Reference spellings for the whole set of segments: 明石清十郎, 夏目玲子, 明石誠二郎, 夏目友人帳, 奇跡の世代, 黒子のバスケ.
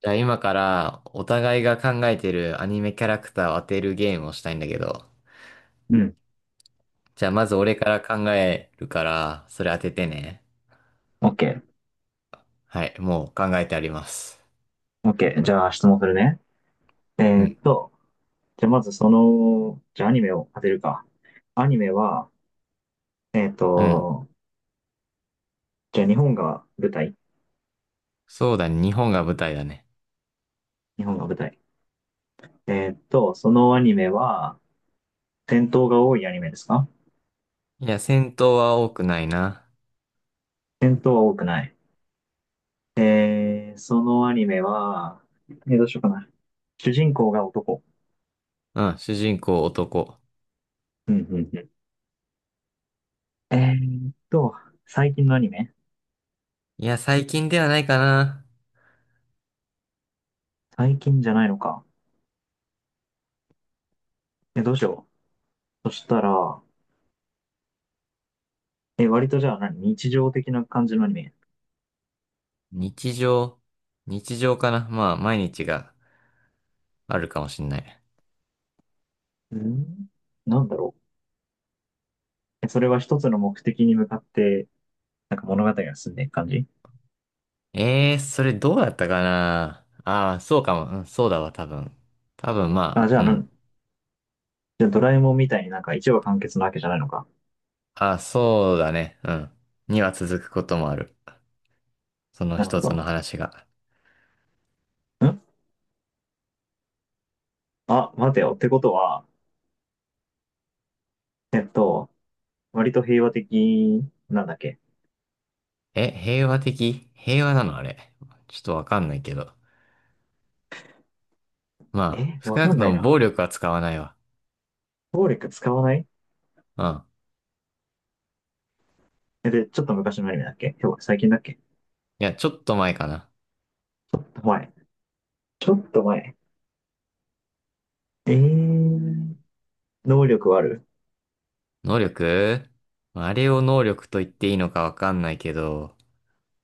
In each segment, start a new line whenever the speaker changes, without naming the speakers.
じゃあ今からお互いが考えてるアニメキャラクターを当てるゲームをしたいんだけど。
うん。
じゃあまず俺から考えるから、それ当ててね。
OK。
はい、もう考えてあります。
OK。じゃあ質問するね。え
う
ーっ
ん。
と、じゃあまずその、じゃあアニメを当てるか。アニメは、えーっ
うん。
と、じゃあ日本が舞台。
そうだね、日本が舞台だね。
日本が舞台。そのアニメは、戦闘が多いアニメですか？
いや、戦闘は多くないな。
戦闘は多くない。そのアニメは、どうしようかな。主人公が男？
うん、主人公男。
うんうんうん。最近のアニメ？
いや、最近ではないかな。
最近じゃないのか。どうしよう。そしたら、割とじゃあ日常的な感じのアニメ？
日常。日常かな。まあ、毎日があるかもしんない。
うん。なんだろう。それは一つの目的に向かって、なんか物語が進んでいく感じ？
ええー、それどうだったかなそうかも。うん、そうだわ、多分。多分、
あ、
まあ、うん。
じゃあドラえもんみたいになんか一話完結なわけじゃないのか。
ああ、そうだね。うん。には続くこともある。その
なるほ
一つの
ど。
話が。
ん。あ、待てよ。ってことは、えっと、割と平和的、なんだっけ？
え、平和的平和なのあれ？ちょっとわかんないけど。まあ、少
わ
な
か
く
んな
と
い
も
な。
暴力は使わないわ。
暴力使わない？
うん。
で、ちょっと昔のアニメだっけ？今日、最近だっけ？
いや、ちょっと前かな。
前。ちょっと前。えー、能力はある？
能力？まああれを能力と言っていいのかわかんないけど、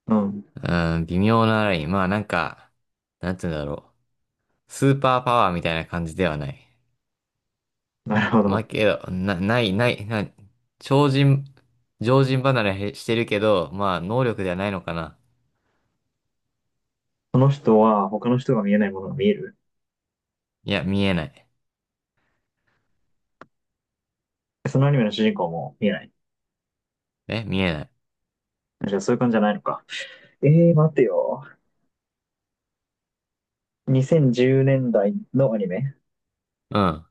うん。
うん、微妙なライン。まあ、なんか、なんて言うんだろう。スーパーパワーみたいな感じではない。
なるほ
まあ
ど。
けど、な、ない、ない、ない、超人、常人離れへしてるけど、まあ能力ではないのかな。
その人は他の人が見えないものが見える？
いや、見えない。
そのアニメの主人公も見えない？
え、見えない。
じゃあそういう感じじゃないのか。待てよ。2010年代のアニメ？
うん。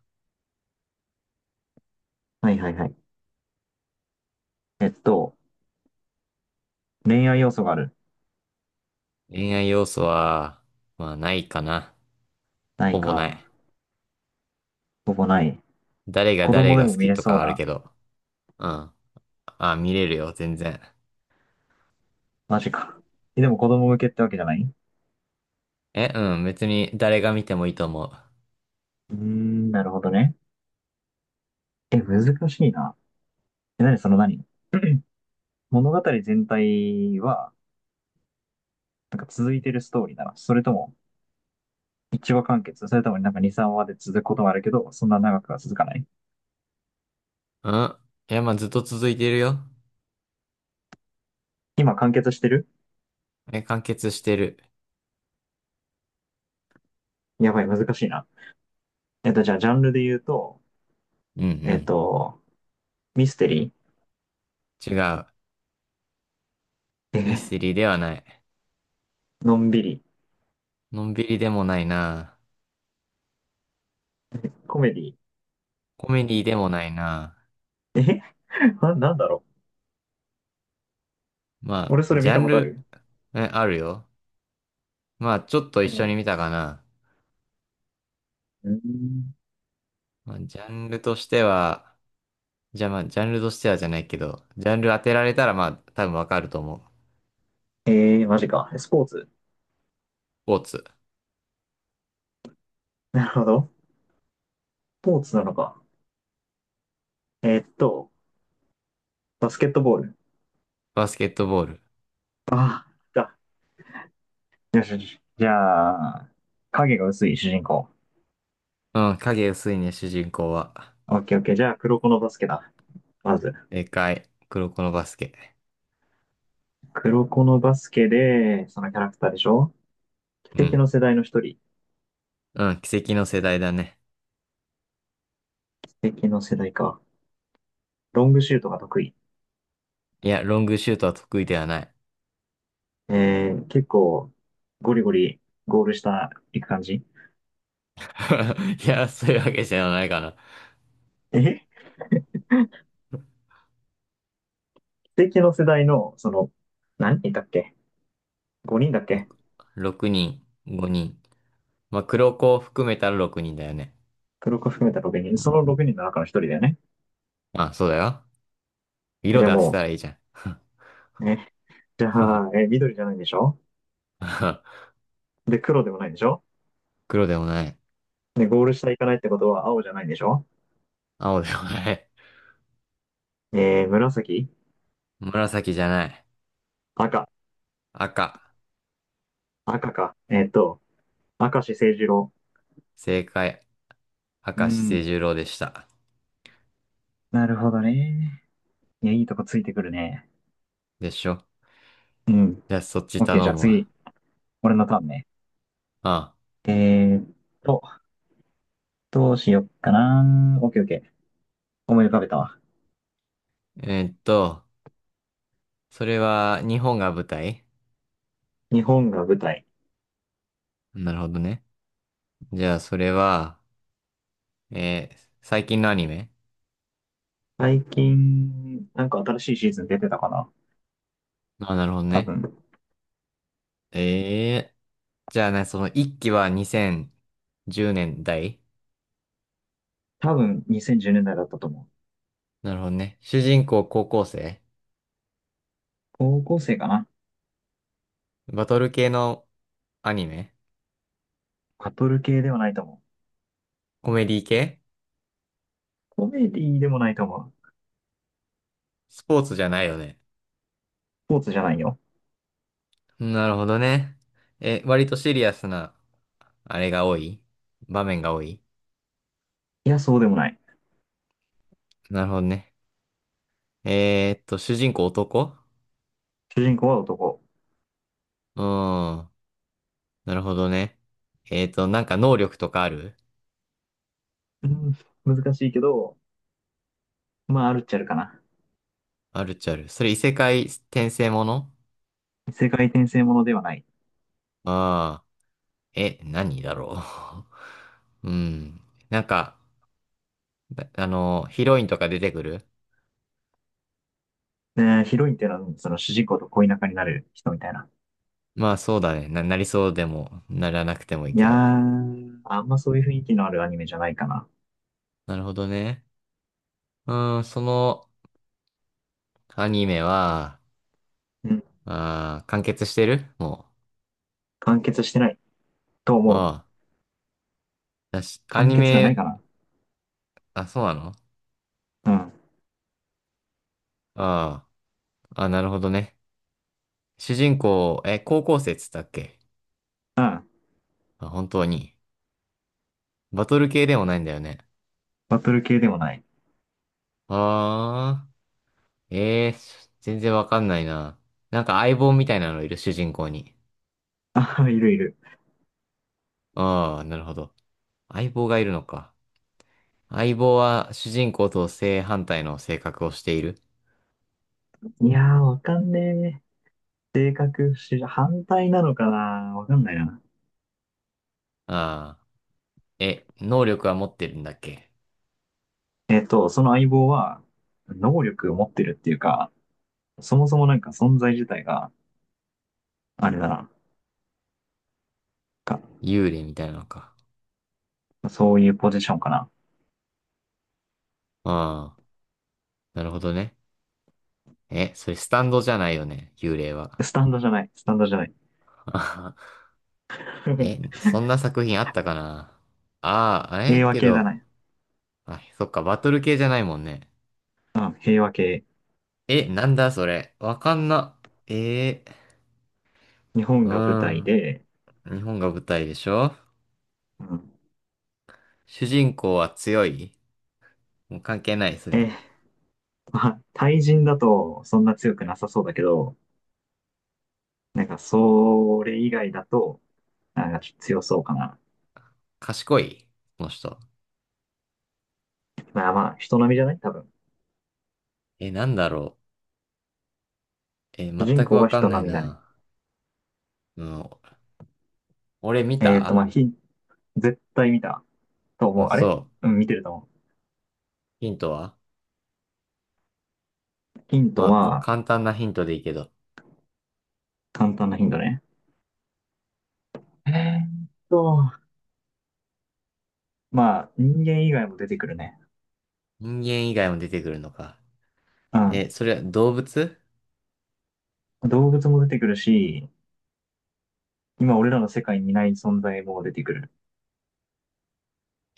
はいはいはい。えっと、恋愛要素がある？
恋愛要素は、まあないかな。
ない
ほぼな
か。
い。
ほぼない。
誰が
子
誰
供で
が
も
好
見
き
れ
と
そう
かある
な。
けど。うん。あ、見れるよ、全然。
マジか。でも子供向けってわけじゃない？う
え、うん、別に誰が見てもいいと思う。
ーん、なるほどね。難しいな。え、なにその何物語全体は、なんか続いてるストーリーなの？それとも、一話完結、それともなんか2、3話で続くこともあるけど、そんな長くは続かない？
うん。いや、まあずっと続いてるよ。
今完結してる？
え、完結してる？
やばい、難しいな。じゃあ、ジャンルで言うと、
うん
えっ
う
と、ミステリ
ん。違う。
ー。
ミステリーではない。
のんびり。
のんびりでもないな。
コメディ
コメディでもないな。
ー。なんだろう。
ま
俺
あ、
それ
ジ
見
ャ
た
ン
ことあ
ル、
る？
え、あるよ。まあ、ちょっと一緒に
う
見たかな。
ん。
まあ、ジャンルとしては、じゃあまあ、ジャンルとしてはじゃないけど、ジャンル当てられたらまあ、多分わかると思う。
えマジか。スポーツ。
スポーツ。
なるほど。スポーツなのか。えっと、バスケットボール。
バスケットボール。
ああ、だ。よしよし。じゃあ、影が薄い主人公。
うん、影薄いね、主人公は。
オッケーオッケー。じゃあ、黒子のバスケだ。まず。
でかい。黒子のバスケ。
黒子のバスケで、そのキャラクターでしょ？
う
奇跡
ん。
の世代の一人。
うん、奇跡の世代だね。
奇跡の世代か。ロングシュートが得意。
いや、ロングシュートは得意ではない。
結構、ゴリゴリゴール下行く感じ。
いや、そういうわけじゃないかな。
え奇跡の世代の、その、何人いたっけ ?5 人だっけ？
6、人、5人。まあ、黒子を含めたら6人だよね。
黒子含めた6人。
う
そ
ん。
の6人の中の1人だよね。
まあ、そうだよ。色
じゃあ
で当て
も
たらいいじゃん。
う、ね。じゃあ、緑じゃないんでしょ？ で、黒でもないんでしょ？
黒でもない。
で、ゴール下行かないってことは青じゃないんでしょ？
青でもない。
紫？
紫じゃない。
赤？
赤。
赤か。明石誠二郎。
正解。
う
明石
ん。
清十郎でした。
なるほどね。いや、いいとこついてくるね。
でしょ？
うん。
じゃあそっち
オッケー、じゃ
頼
あ
むわ。
次、俺のターンね。
あ
えーっと、どうしよっかな。オッケーオッケー。思い浮かべたわ。
あ、それは日本が舞台？
日本が舞台。
なるほどね。じゃあそれは、えー最近のアニメ？
最近、なんか新しいシーズン出てたかな？
あ、なるほど
多
ね。
分。
ええじゃあね、その一期は2010年代？
多分2010年代だいだったと思う。
なるほどね。主人公高校生？
高校生かな。
バトル系のアニメ？
バトル系ではないと思
コメディ系？
う。コメディでもないと思う。
スポーツじゃないよね？
スポーツじゃないよ。
なるほどね。え、割とシリアスな、あれが多い場面が多い？
いや、そうでもない。
なるほどね。主人公男？
主人公は男。
うーん。なるほどね。なんか能力とかある？
うん、難しいけど、まあ、あるっちゃあるかな。
あるっちゃある。それ異世界転生もの？
世界転生ものではない。
ああー。え、何だろう。うん。なんか、あの、ヒロインとか出てくる？
ねえー、ヒロインっていうのは、その主人公と恋仲になる人みたいな。
まあそうだね。なりそうでも、ならなくてもいい
い
け
や
ど。
ー、あんまそういう雰囲気のあるアニメじゃないかな。
なるほどね。うーん、そのアニメは、
うん。
あー、完結してるも？
完結してないと
う。
思
あ
う。
あ。だし、ア
完
ニ
結がない
メ、
かな。
あ、そうなの？
うん。
ああ。あ、なるほどね。主人公、え、高校生っつったっけ？
うん。
あ、本当に。バトル系でもないんだよね？
バトル系でもない。
ああ。ええー全然わかんないな。なんか相棒みたいなのいる、主人公に。
あ、いるいる。
ああ、なるほど。相棒がいるのか。相棒は主人公と正反対の性格をしている。
いやー、わかんねえ。性格不思反対なのかな？わかんないな。
ああ。え、能力は持ってるんだっけ？
その相棒は、能力を持ってるっていうか、そもそもなんか存在自体が、あれだな。か、
幽霊みたいなのか？
そういうポジションかな。
ああ、なるほどね。え、それスタンドじゃないよね、幽霊は。
スタンドじゃない。スタンドじゃない。
あはは。え、そんな作品あったかな？ああ、あれ
平和
け
系だ
ど、
ね。
あ、そっか、バトル系じゃないもんね。
うん、平和系。
え、なんだそれ。わかんな。ええ
日本が舞台
ー
で、
うん。日本が舞台でしょ？
うん。
主人公は強い？もう関係ない、そうい
え
うの。
ーまあ、対人だとそんな強くなさそうだけど、なんかそれ以外だと、なんかちょっと強そうかな。
賢い？この人。
まあまあ、人並みじゃない多分。
え、なんだろう。え、
主
全
人
く
公
わ
は
かん
人
ない
並みだね。
な。うん、俺見
まあ、
た？
絶対見たと思
あ、
う。あ
そ
れ？
う。
うん、見てると思
ヒントは？
う。ヒン
ま
ト
あ、
は？
簡単なヒントでいいけど。
簡単なヒントね。えーっと、まあ、人間以外も出てくるね。
人間以外も出てくるのか。
うん。
え、それは動物？
動物も出てくるし、今俺らの世界にいない存在も出てくる。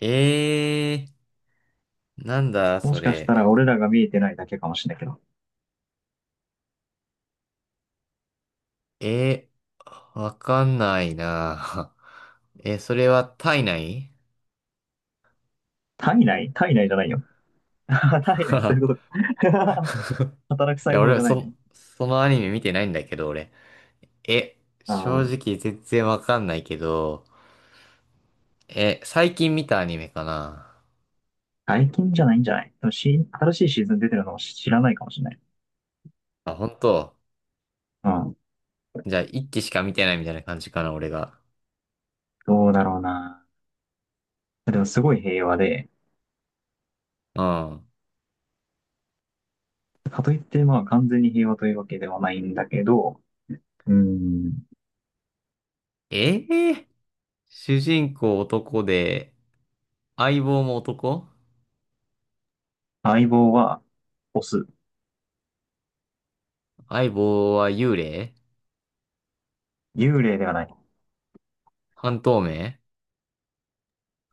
ええー、なんだ、
も
そ
しかし
れ。
たら俺らが見えてないだけかもしれないけど。
えわかんないな。え、それは体内？ い
体内じゃないよ。働いないね、そういうことか。働く細
や、
胞
俺、
じゃない
そ、
ね。
そのアニメ見てないんだけど、俺。え、
あ
正
あ、
直全然わかんないけど、え、最近見たアニメかな？
外見じゃないんじゃない？でもし、新しいシーズン出てるのを知らないかもしれない。
あ、本当。
うん。
じゃあ、一期しか見てないみたいな感じかな、俺が。
どうだろうな。でもすごい平和で、
うん。
かといってまあ完全に平和というわけではないんだけど、うん。
ええ主人公男で、相棒も男？
相棒はオス。
相棒は幽霊？
幽霊ではない。
半透明？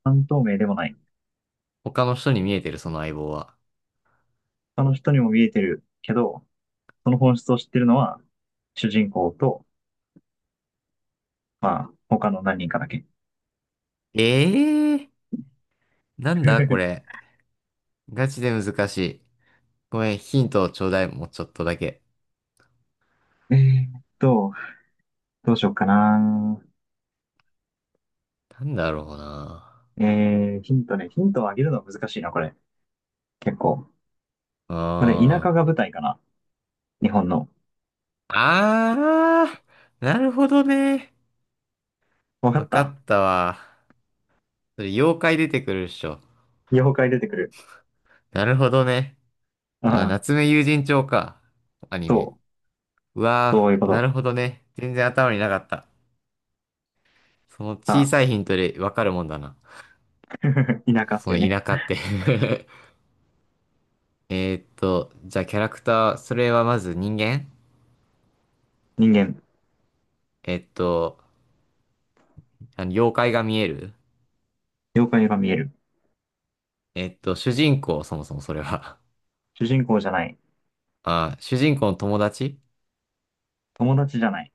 半透明でもない。
他の人に見えてる、その相棒は。
他の人にも見えてるけど、その本質を知ってるのは主人公と、まあ他の何人かだけ。
ええなんだこ れ。ガチで難しい。ごめん、ヒントをちょうだい、もうちょっとだけ。
えーっ と、どうしようかな。
なんだろうな。
ヒントね。ヒントをあげるのは難しいな、これ。結構。
うー
これ、田
ん。
舎が舞台かな。日本の。
あー、なるほどね。
わか
わ
っ
か
た？
ったわ。それ、妖怪出てくるっしょ？
妖怪出てくる？
なるほどね。あー、
ああ、
夏目友人帳か。アニ
そ
メ。
う。
うわ
そういうこ
ー、な
と。
るほどね。全然頭になかった。その小さいヒントでわかるもんだな。
ああ、田舎っ
そ
て
の
いうね。
田舎って じゃあキャラクター、それはまず人間？
人間。
えっと、あの妖怪が見える？
妖怪が見える。
主人公、そもそもそれは？
主人公じゃない。
あー、主人公の友達？
友達じゃない。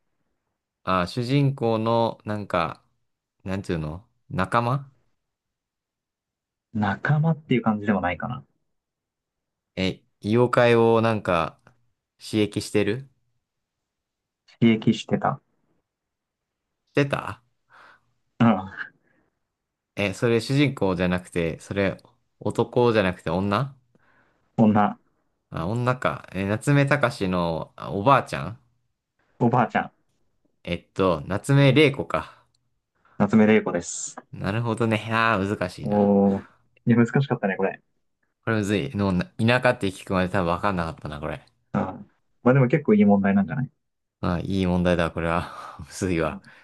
あー、主人公の、なんか、なんていうの？仲間？
仲間っていう感じでもないかな。
え、妖怪をなんか、刺激してる？
刺激してた。
してた？
うん。
え、それ主人公じゃなくて、それ男じゃなくて女？
女。
あ、女か。え、夏目隆のあおばあちゃん？
おばあちゃん。
夏目玲子か。
夏目玲子です。
なるほどね。ああ、難しいな。
おー。いや、難しかったね、これ。
これむずい。田舎って聞くまで多分わかんなかったな、これ。
うん。まあでも結構いい問題なんじゃない？
ああ、いい問題だ、これは。むずい
う
わ。
ん。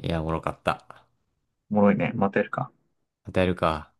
いや、おもろかった。
おもろいね。またやるか。
与えるか。